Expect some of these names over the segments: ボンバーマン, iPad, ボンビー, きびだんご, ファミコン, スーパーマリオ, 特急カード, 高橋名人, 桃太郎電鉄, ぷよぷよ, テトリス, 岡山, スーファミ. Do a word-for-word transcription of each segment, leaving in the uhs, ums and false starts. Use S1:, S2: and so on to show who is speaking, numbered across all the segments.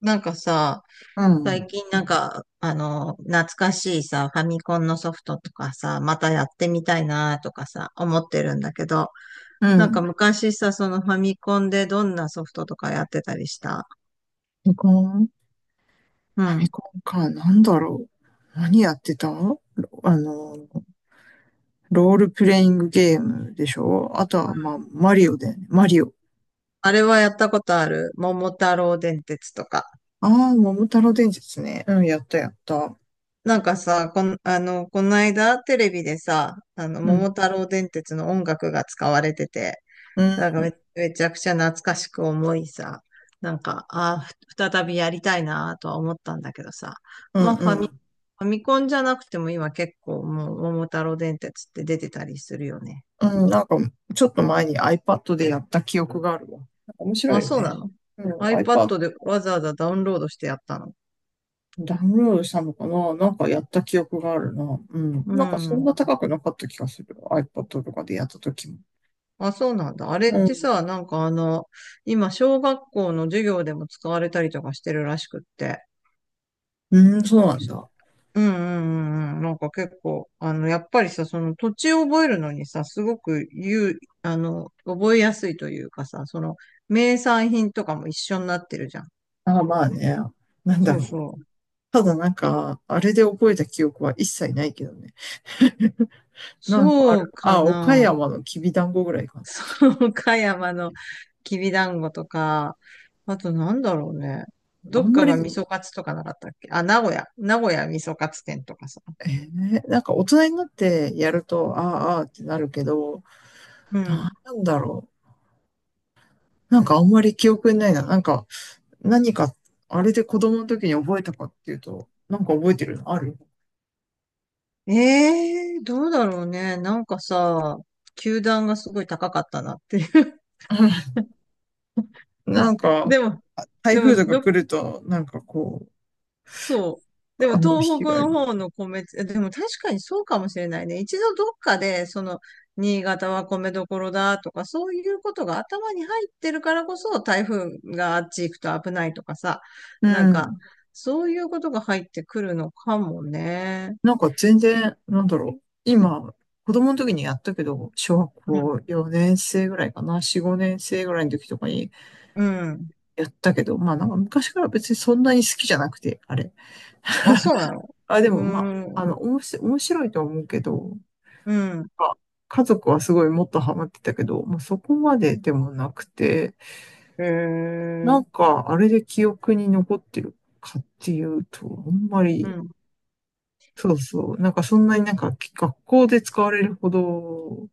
S1: なんかさ、
S2: う
S1: 最
S2: ん。
S1: 近なんか、あの、懐かしいさ、ファミコンのソフトとかさ、またやってみたいなとかさ、思ってるんだけど、
S2: う
S1: なんか
S2: ん。
S1: 昔さ、そのファミコンでどんなソフトとかやってたりした。
S2: ファミコンフ
S1: う
S2: ァミ
S1: ん。
S2: コンか。なんだろう。何やってたロあの、ロールプレイングゲームでしょ。あとは、まあ、マリオだよね。マリオ。
S1: あれはやったことある。桃太郎電鉄とか。
S2: ああ、桃太郎電鉄ね。うん、やったやった。
S1: なんかさ、こん、あの、この間テレビでさ、あの、
S2: う
S1: 桃
S2: ん。
S1: 太郎電鉄の音楽が使われてて、
S2: う
S1: なんか
S2: ん。
S1: め、めちゃくちゃ懐かしく思いさ、なんか、ああ、ふ再びやりたいなとは思ったんだけどさ、
S2: う
S1: まあ
S2: ん。
S1: ファ
S2: う
S1: ミ、
S2: ん。
S1: ファミコンじゃなくても今結構もう桃太郎電鉄って出てたりするよね。
S2: うん、なんか、ちょっと前に iPad でやった記憶があるわ。なんか面白い
S1: あ、
S2: よ
S1: そうな
S2: ね。
S1: の？
S2: うん、iPad、
S1: iPad でわざわざダウンロードしてやったの。
S2: ダウンロードしたのかな。なんかやった記憶があるな。うん。
S1: う
S2: なんかそん
S1: ん。
S2: な高くなかった気がする。iPad とかでやった時も。
S1: あ、そうなんだ。あれっ
S2: う
S1: て
S2: ん。
S1: さ、なんかあの、今小学校の授業でも使われたりとかしてるらしくって。
S2: うーん、そうなんだ。
S1: うん、うん、うん、うん。なんか結構、あの、やっぱりさ、その土地を覚えるのにさ、すごく言う、あの、覚えやすいというかさ、その、名産品とかも一緒になってるじゃん。
S2: ああ、まあね。なんだ
S1: そう
S2: ろう。
S1: そう。
S2: ただなんか、あれで覚えた記憶は一切ないけどね。なんかあ
S1: そ
S2: る。
S1: うか
S2: あ、岡
S1: な。
S2: 山のきびだんごぐらいか
S1: そう、岡山のきびだんごとか、あとなんだろうね。
S2: な。
S1: ど
S2: あん
S1: っ
S2: ま
S1: か
S2: り、
S1: が味噌カツとかなかったっけ？あ、名古屋。名古屋味噌カツ店とかさ。
S2: えーなんか大人になってやると、ああ、ああってなるけど、
S1: うん。
S2: なんだろう。なんかあんまり記憶にないな。なんか、何か、あれで子供の時に覚えたかっていうと、なんか覚えてるのある？
S1: ええー、どうだろうね。なんかさ、球団がすごい高かったなっていう。
S2: なん か、
S1: でも、
S2: 台
S1: でも、
S2: 風とか
S1: ど、
S2: 来ると、なんかこう、
S1: そう。でも、
S2: あの
S1: 東
S2: 被
S1: 北
S2: 害
S1: の
S2: が。
S1: 方の米って、えでも確かにそうかもしれないね。一度どっかで、その、新潟は米どころだとか、そういうことが頭に入ってるからこそ、台風があっち行くと危ないとかさ、
S2: う
S1: なんか、
S2: ん。
S1: そういうことが入ってくるのかもね。
S2: なんか全然、なんだろう。今、子供の時にやったけど、小学校よねん生ぐらいかな、よん、ごねん生ぐらいの時とかに
S1: うん。うん。
S2: やったけど、まあなんか昔から別にそんなに好きじゃなくて、あれ。
S1: あ、そうなの。
S2: あ、で
S1: う
S2: もま
S1: ー
S2: あ、
S1: ん。
S2: あの、おもし、面白いと思うけど、
S1: うん。
S2: あ家族はすごいもっとハマってたけど、まあそこまででもなくて、
S1: へえ。
S2: なんかあれで記憶に残ってるかっていうと、あんま
S1: う
S2: り、
S1: ん。
S2: そうそう、なんかそんなになんか学校で使われるほど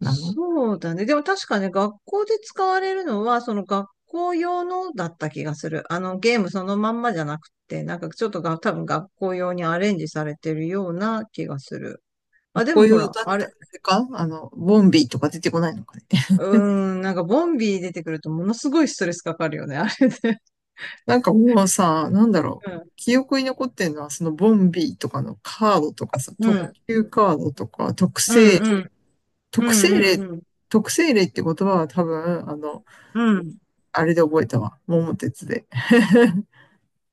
S2: なの？
S1: うだね。でも確かね、学校で使われるのは、その学校用のだった気がする。あの、ゲームそのまんまじゃなくて、なんかちょっとが、多分学校用にアレンジされてるような気がする。
S2: かっ
S1: あ、で
S2: こ
S1: もほ
S2: よ
S1: ら、
S2: だっ
S1: あ
S2: たら、
S1: れ、
S2: あれかあの、ボンビーとか出てこないのかね。
S1: うーん、なんかボンビー出てくるとものすごいストレスかかるよね、あれで。
S2: なんかもうさ、なんだろ
S1: う
S2: う。
S1: ん、
S2: 記憶に残ってるのは、そのボンビーとかのカードとかさ、
S1: う
S2: 特
S1: ん、
S2: 急カードとか、特
S1: うん、
S2: 性、
S1: うん、う
S2: 特
S1: ん、
S2: 性
S1: う
S2: 例、
S1: ん、うん。
S2: 特性例って言葉は多分、あの、
S1: うん。
S2: あれで覚えたわ。桃鉄で。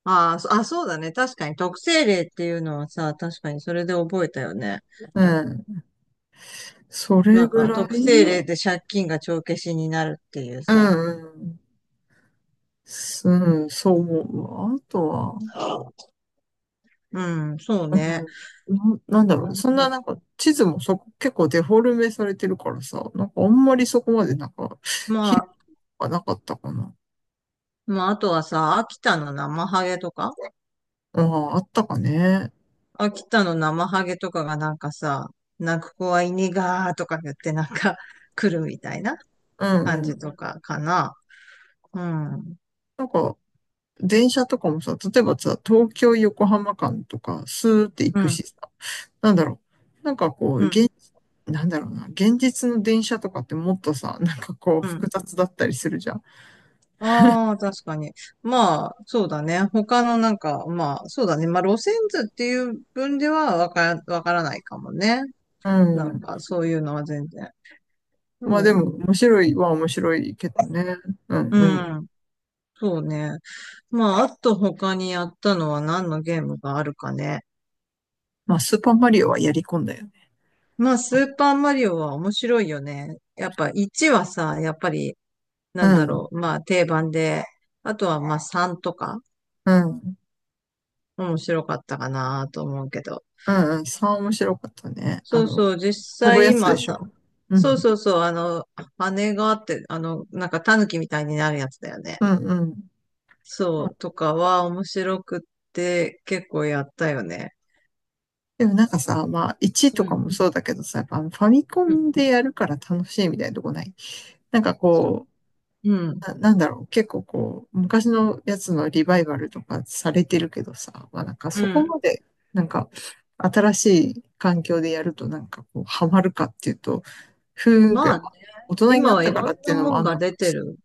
S1: あー、そあ、そうだね。確かに特性例っていうのはさ、確かにそれで覚えたよね。
S2: うん。それ
S1: なん
S2: ぐ
S1: か
S2: ら
S1: 特定
S2: い。
S1: 例で借金が帳消しになるっていう
S2: う
S1: さ。
S2: ん、うん。すうん、そう思うわ。あとは、
S1: うん、そう
S2: う
S1: ね。
S2: ん、ななんだろう。そんななんか地図もそこ結構デフォルメされてるからさ、なんかあんまりそこまでなんか、
S1: まあ、
S2: あなかったかな。
S1: まあ、あとはさ、秋田の生ハゲとか
S2: ああ、あったかね。
S1: 秋田の生ハゲとかがなんかさ、泣く子は犬がーとか言ってなんか 来るみたいな
S2: うん
S1: 感
S2: う
S1: じと
S2: ん。
S1: かかな。うん、
S2: なんか電車とかもさ、例えばさ、東京横浜間とかスーって行
S1: う
S2: く
S1: ん、
S2: しさ、なんだろう。なんかこう、
S1: うん、
S2: 現、なんだろうな。現実の電車とかってもっとさ、なんかこう
S1: う
S2: 複
S1: ん。
S2: 雑だったりするじゃん。
S1: ああ、確かに。まあ、そうだね。他のなんか、まあ、そうだね。まあ、路線図っていう分ではわから、わからないかもね。
S2: う
S1: なん
S2: ん。
S1: か、そういうのは全然。で
S2: まあで
S1: も、
S2: も面白いは面白いけどね。うん
S1: う
S2: うん。
S1: ん、そうね。まあ、あと他にやったのは何のゲームがあるかね。
S2: まあスーパーマリオはやり込んだよ。
S1: まあ、スーパーマリオは面白いよね。やっぱいちはさ、やっぱり、な
S2: う
S1: んだろ
S2: ん、
S1: う、まあ定番で、あとはまあさんとか、
S2: うん、
S1: 面白かったかなと思うけど。
S2: うん、うん、さ面白かったね。あ
S1: そう
S2: の、
S1: そう、実
S2: 飛ぶ
S1: 際
S2: やつで
S1: 今
S2: し
S1: さ、
S2: ょ。う
S1: そう
S2: ん、
S1: そうそう、あの、羽があって、あの、なんか狸みたいになるやつだよね。
S2: うん、うん。ま
S1: そ
S2: あ
S1: う、とかは面白くって結構やったよね。
S2: でもなんかさ、まあ、いちと
S1: う
S2: か
S1: ん。
S2: もそうだけどさ、やっぱあのファミコ
S1: うん。
S2: ンでやるから楽しいみたいなとこない？なんか
S1: そう。
S2: こ
S1: うん。
S2: う、な、なんだろう、結構こう、昔のやつのリバイバルとかされてるけどさ、まあなんか
S1: う
S2: そこ
S1: ん。
S2: まで、なんか、新しい環境でやるとなんかこう、ハマるかっていうと、ふーんぐ
S1: ま
S2: らい、ま
S1: あ、
S2: あ大人に
S1: 今
S2: なっ
S1: は
S2: た
S1: い
S2: か
S1: ろん
S2: らって
S1: な
S2: いうの
S1: も
S2: も
S1: ん
S2: あん
S1: が
S2: のかも
S1: 出て
S2: しれ
S1: る。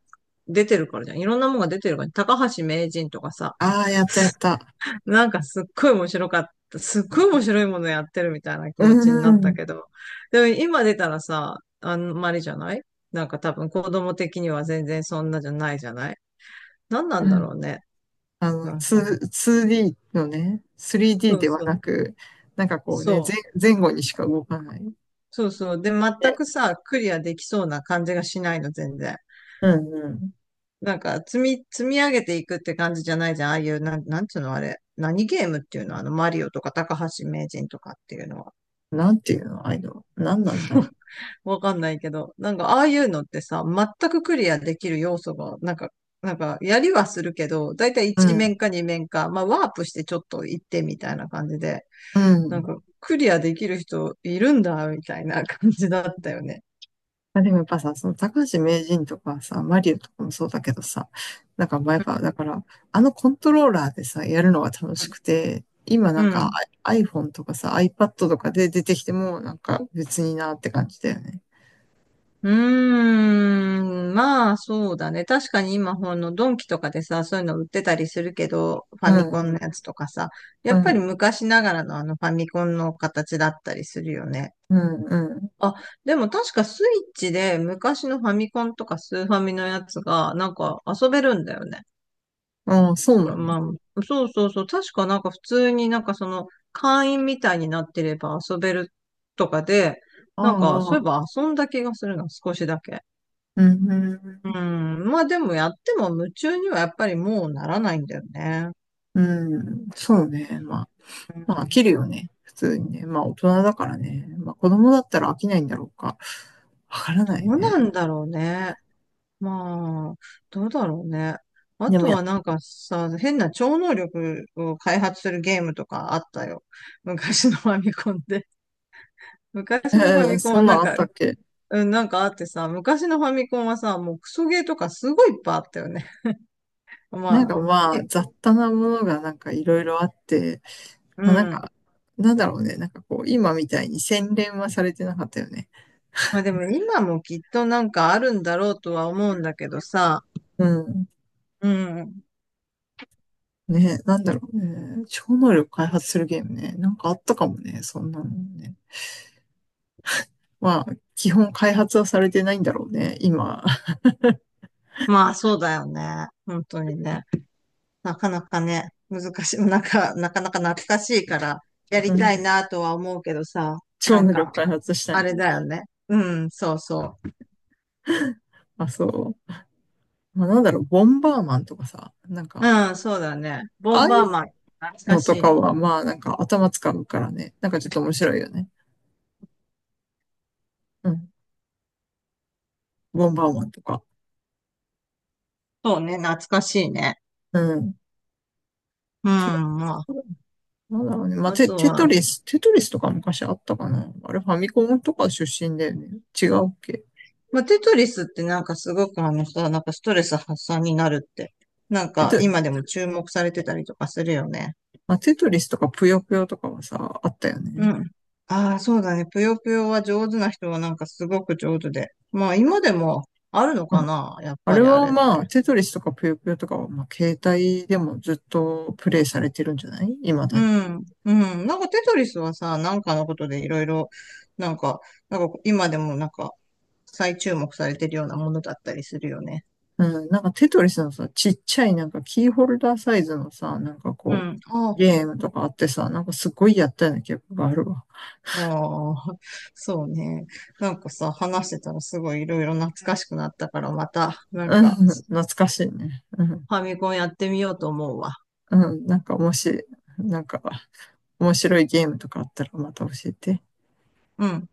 S1: 出てるからじゃん。いろんなもんが出てるからね。高橋名人とかさ、
S2: ない。ああ、やったやった。
S1: なんかすっごい面白かった。すっごい面白いものやってるみたいな気
S2: う
S1: 持ちになった
S2: ん、
S1: けど。でも今出たらさ、あんまりじゃない？なんか多分子供的には全然そんなじゃないじゃない？何なん
S2: う
S1: だろ
S2: ん。
S1: うね。
S2: あの、
S1: な
S2: に、
S1: んか。
S2: ツーディー のね、スリーディー
S1: そう
S2: では
S1: そう。
S2: なく、なんかこうね、
S1: そう。
S2: 前、前後にしか動かない。
S1: そうそう。で、全
S2: で、
S1: くさ、クリアできそうな感じがしないの、全然。
S2: うんうん。
S1: なんか、積み、積み上げていくって感じじゃないじゃん。ああいう、なん、なんつうのあれ。何ゲームっていうの、あの、マリオとか高橋名人とかっていうのは。
S2: なんていうの、ああいうの。何なんだろう。
S1: わかんないけど。なんか、ああいうのってさ、全くクリアできる要素が、なんか、なんか、やりはするけど、だいたい
S2: う
S1: いちめん
S2: ん、
S1: 面かにめん面か、まあ、ワープしてちょっと行ってみたいな感じで、
S2: う
S1: なん
S2: ん。
S1: か、クリアできる人いるんだ、みたいな感じだったよね。
S2: あ、でもやっぱさ、その高橋名人とかさ、マリオとかもそうだけどさ、なんかまあやっぱ、だから、あのコントローラーでさ、やるのが楽しくて、今
S1: う
S2: なん
S1: ん。う
S2: か
S1: ん。
S2: I- アイフォン とかさ、iPad とかで出てきても、なんか別になって感じだよね。
S1: うーん、まあそうだね。確かに今、ほんのドンキとかでさ、そういうの売ってたりするけど、フ
S2: う
S1: ァミコ
S2: ん、う
S1: ンのや
S2: ん、
S1: つとかさ、や
S2: う
S1: っぱり
S2: ん、
S1: 昔ながらのあのファミコンの形だったりするよね。
S2: うん、うん。
S1: あ、でも確かスイッチで昔のファミコンとかスーファミのやつがなんか遊べるんだよね。
S2: ああ、そう
S1: そ
S2: な
S1: の
S2: んだ。
S1: まあ、そうそうそう。確かなんか普通になんかその会員みたいになってれば遊べるとかで、
S2: あ
S1: なんか
S2: あ、
S1: そういえ
S2: あ
S1: ば
S2: あ、
S1: 遊んだ気がするな、少しだけ。
S2: うん、う
S1: う
S2: ん、
S1: ん。まあでもやっても夢中にはやっぱりもうならないんだよね。
S2: うん、そうね。まあ、
S1: う
S2: まあ、飽
S1: ん。
S2: きるよね。普通にね。まあ、大人だからね。まあ、子供だったら飽きないんだろうか。わから
S1: ど
S2: ない
S1: う
S2: ね。
S1: なんだろうね。まあ、どうだろうね。あ
S2: でも
S1: と
S2: や、
S1: はなんかさ、変な超能力を開発するゲームとかあったよ。昔のファミコンで。昔のファ ミコン
S2: そ
S1: は
S2: んな
S1: な
S2: ん
S1: ん
S2: あっ
S1: か、
S2: たっけ？
S1: うん、なんかあってさ、昔のファミコンはさ、もうクソゲーとかすごいいっぱいあったよね。
S2: な
S1: ま
S2: ん
S1: あ、
S2: かまあ、
S1: い
S2: 雑多なものがなんかいろいろあって、
S1: う
S2: まあなん
S1: ん。
S2: か、なんだろうね。なんかこう、今みたいに洗練はされてなかったよね。
S1: まあでも今もきっとなんかあるんだろうとは思うんだけどさ、
S2: うん。
S1: うん。
S2: ね、なんだろうね。超能力開発するゲームね。なんかあったかもね。そんなのね。まあ、基本開発はされてないんだろうね、今。
S1: まあ、そうだよね。本当にね。なかなかね、難しい。なんか、なかなか懐かしいから、や
S2: う
S1: り
S2: ん。
S1: たいなとは思うけどさ、
S2: 超
S1: なん
S2: 能力
S1: か、
S2: 開発した
S1: あ
S2: い。
S1: れだよね。うん、そうそう。
S2: あ、そう。まあ、なんだろう、ボンバーマンとかさ、なんか、
S1: うん、そうだね。ボ
S2: あ
S1: ン
S2: あ
S1: バ
S2: いう
S1: ーマン、懐か
S2: の
S1: し
S2: とか
S1: い。
S2: は、まあ、なんか頭使うからね、なんかちょっと面白いよね。うん。ボンバーマンとか。
S1: そうね、懐かしいね。
S2: うん。
S1: う
S2: そ
S1: ん、ま
S2: う。なんだろうね。ま
S1: あ、
S2: あ、
S1: あ
S2: テ、
S1: と
S2: テト
S1: は、
S2: リス、テトリスとか昔あったかな。あれ、ファミコンとか出身だよね。違うっけ？
S1: まあ、テトリスってなんかすごくあのさ、なんかストレス発散になるって、なん
S2: えっ
S1: か
S2: と、
S1: 今でも注目されてたりとかするよね。
S2: まあ、テトリスとかぷよぷよとかはさ、あったよ
S1: う
S2: ね。
S1: ん。ああ、そうだね。ぷよぷよは上手な人はなんかすごく上手で。まあ今でもあるの
S2: う
S1: か
S2: ん。
S1: な、やっ
S2: あ
S1: ぱ
S2: れ
S1: りあ
S2: は
S1: れっ
S2: ま
S1: て。
S2: あ、テトリスとかぷよぷよとかは、まあ、携帯でもずっとプレイされてるんじゃない？未だ
S1: う
S2: に。
S1: ん。うん。なんかテトリスはさ、なんかのことでいろいろ、なんか、なんか今でもなんか再注目されてるようなものだったりするよね。
S2: うん、なんかテトリスのさ、ちっちゃいなんかキーホルダーサイズのさ、なんか
S1: う
S2: こ
S1: ん。あ
S2: う、
S1: あ。
S2: ゲームとかあってさ、なんかすごいやったような記憶があるわ。
S1: ああ、そうね。なんかさ、話してたらすごいいろいろ懐かしくなったから、また、なん
S2: うん、
S1: か、
S2: 懐かしいね。うん、
S1: ファミコンやってみようと思うわ。
S2: うん、なんかもし、なんか面白いゲームとかあったらまた教えて。
S1: うん。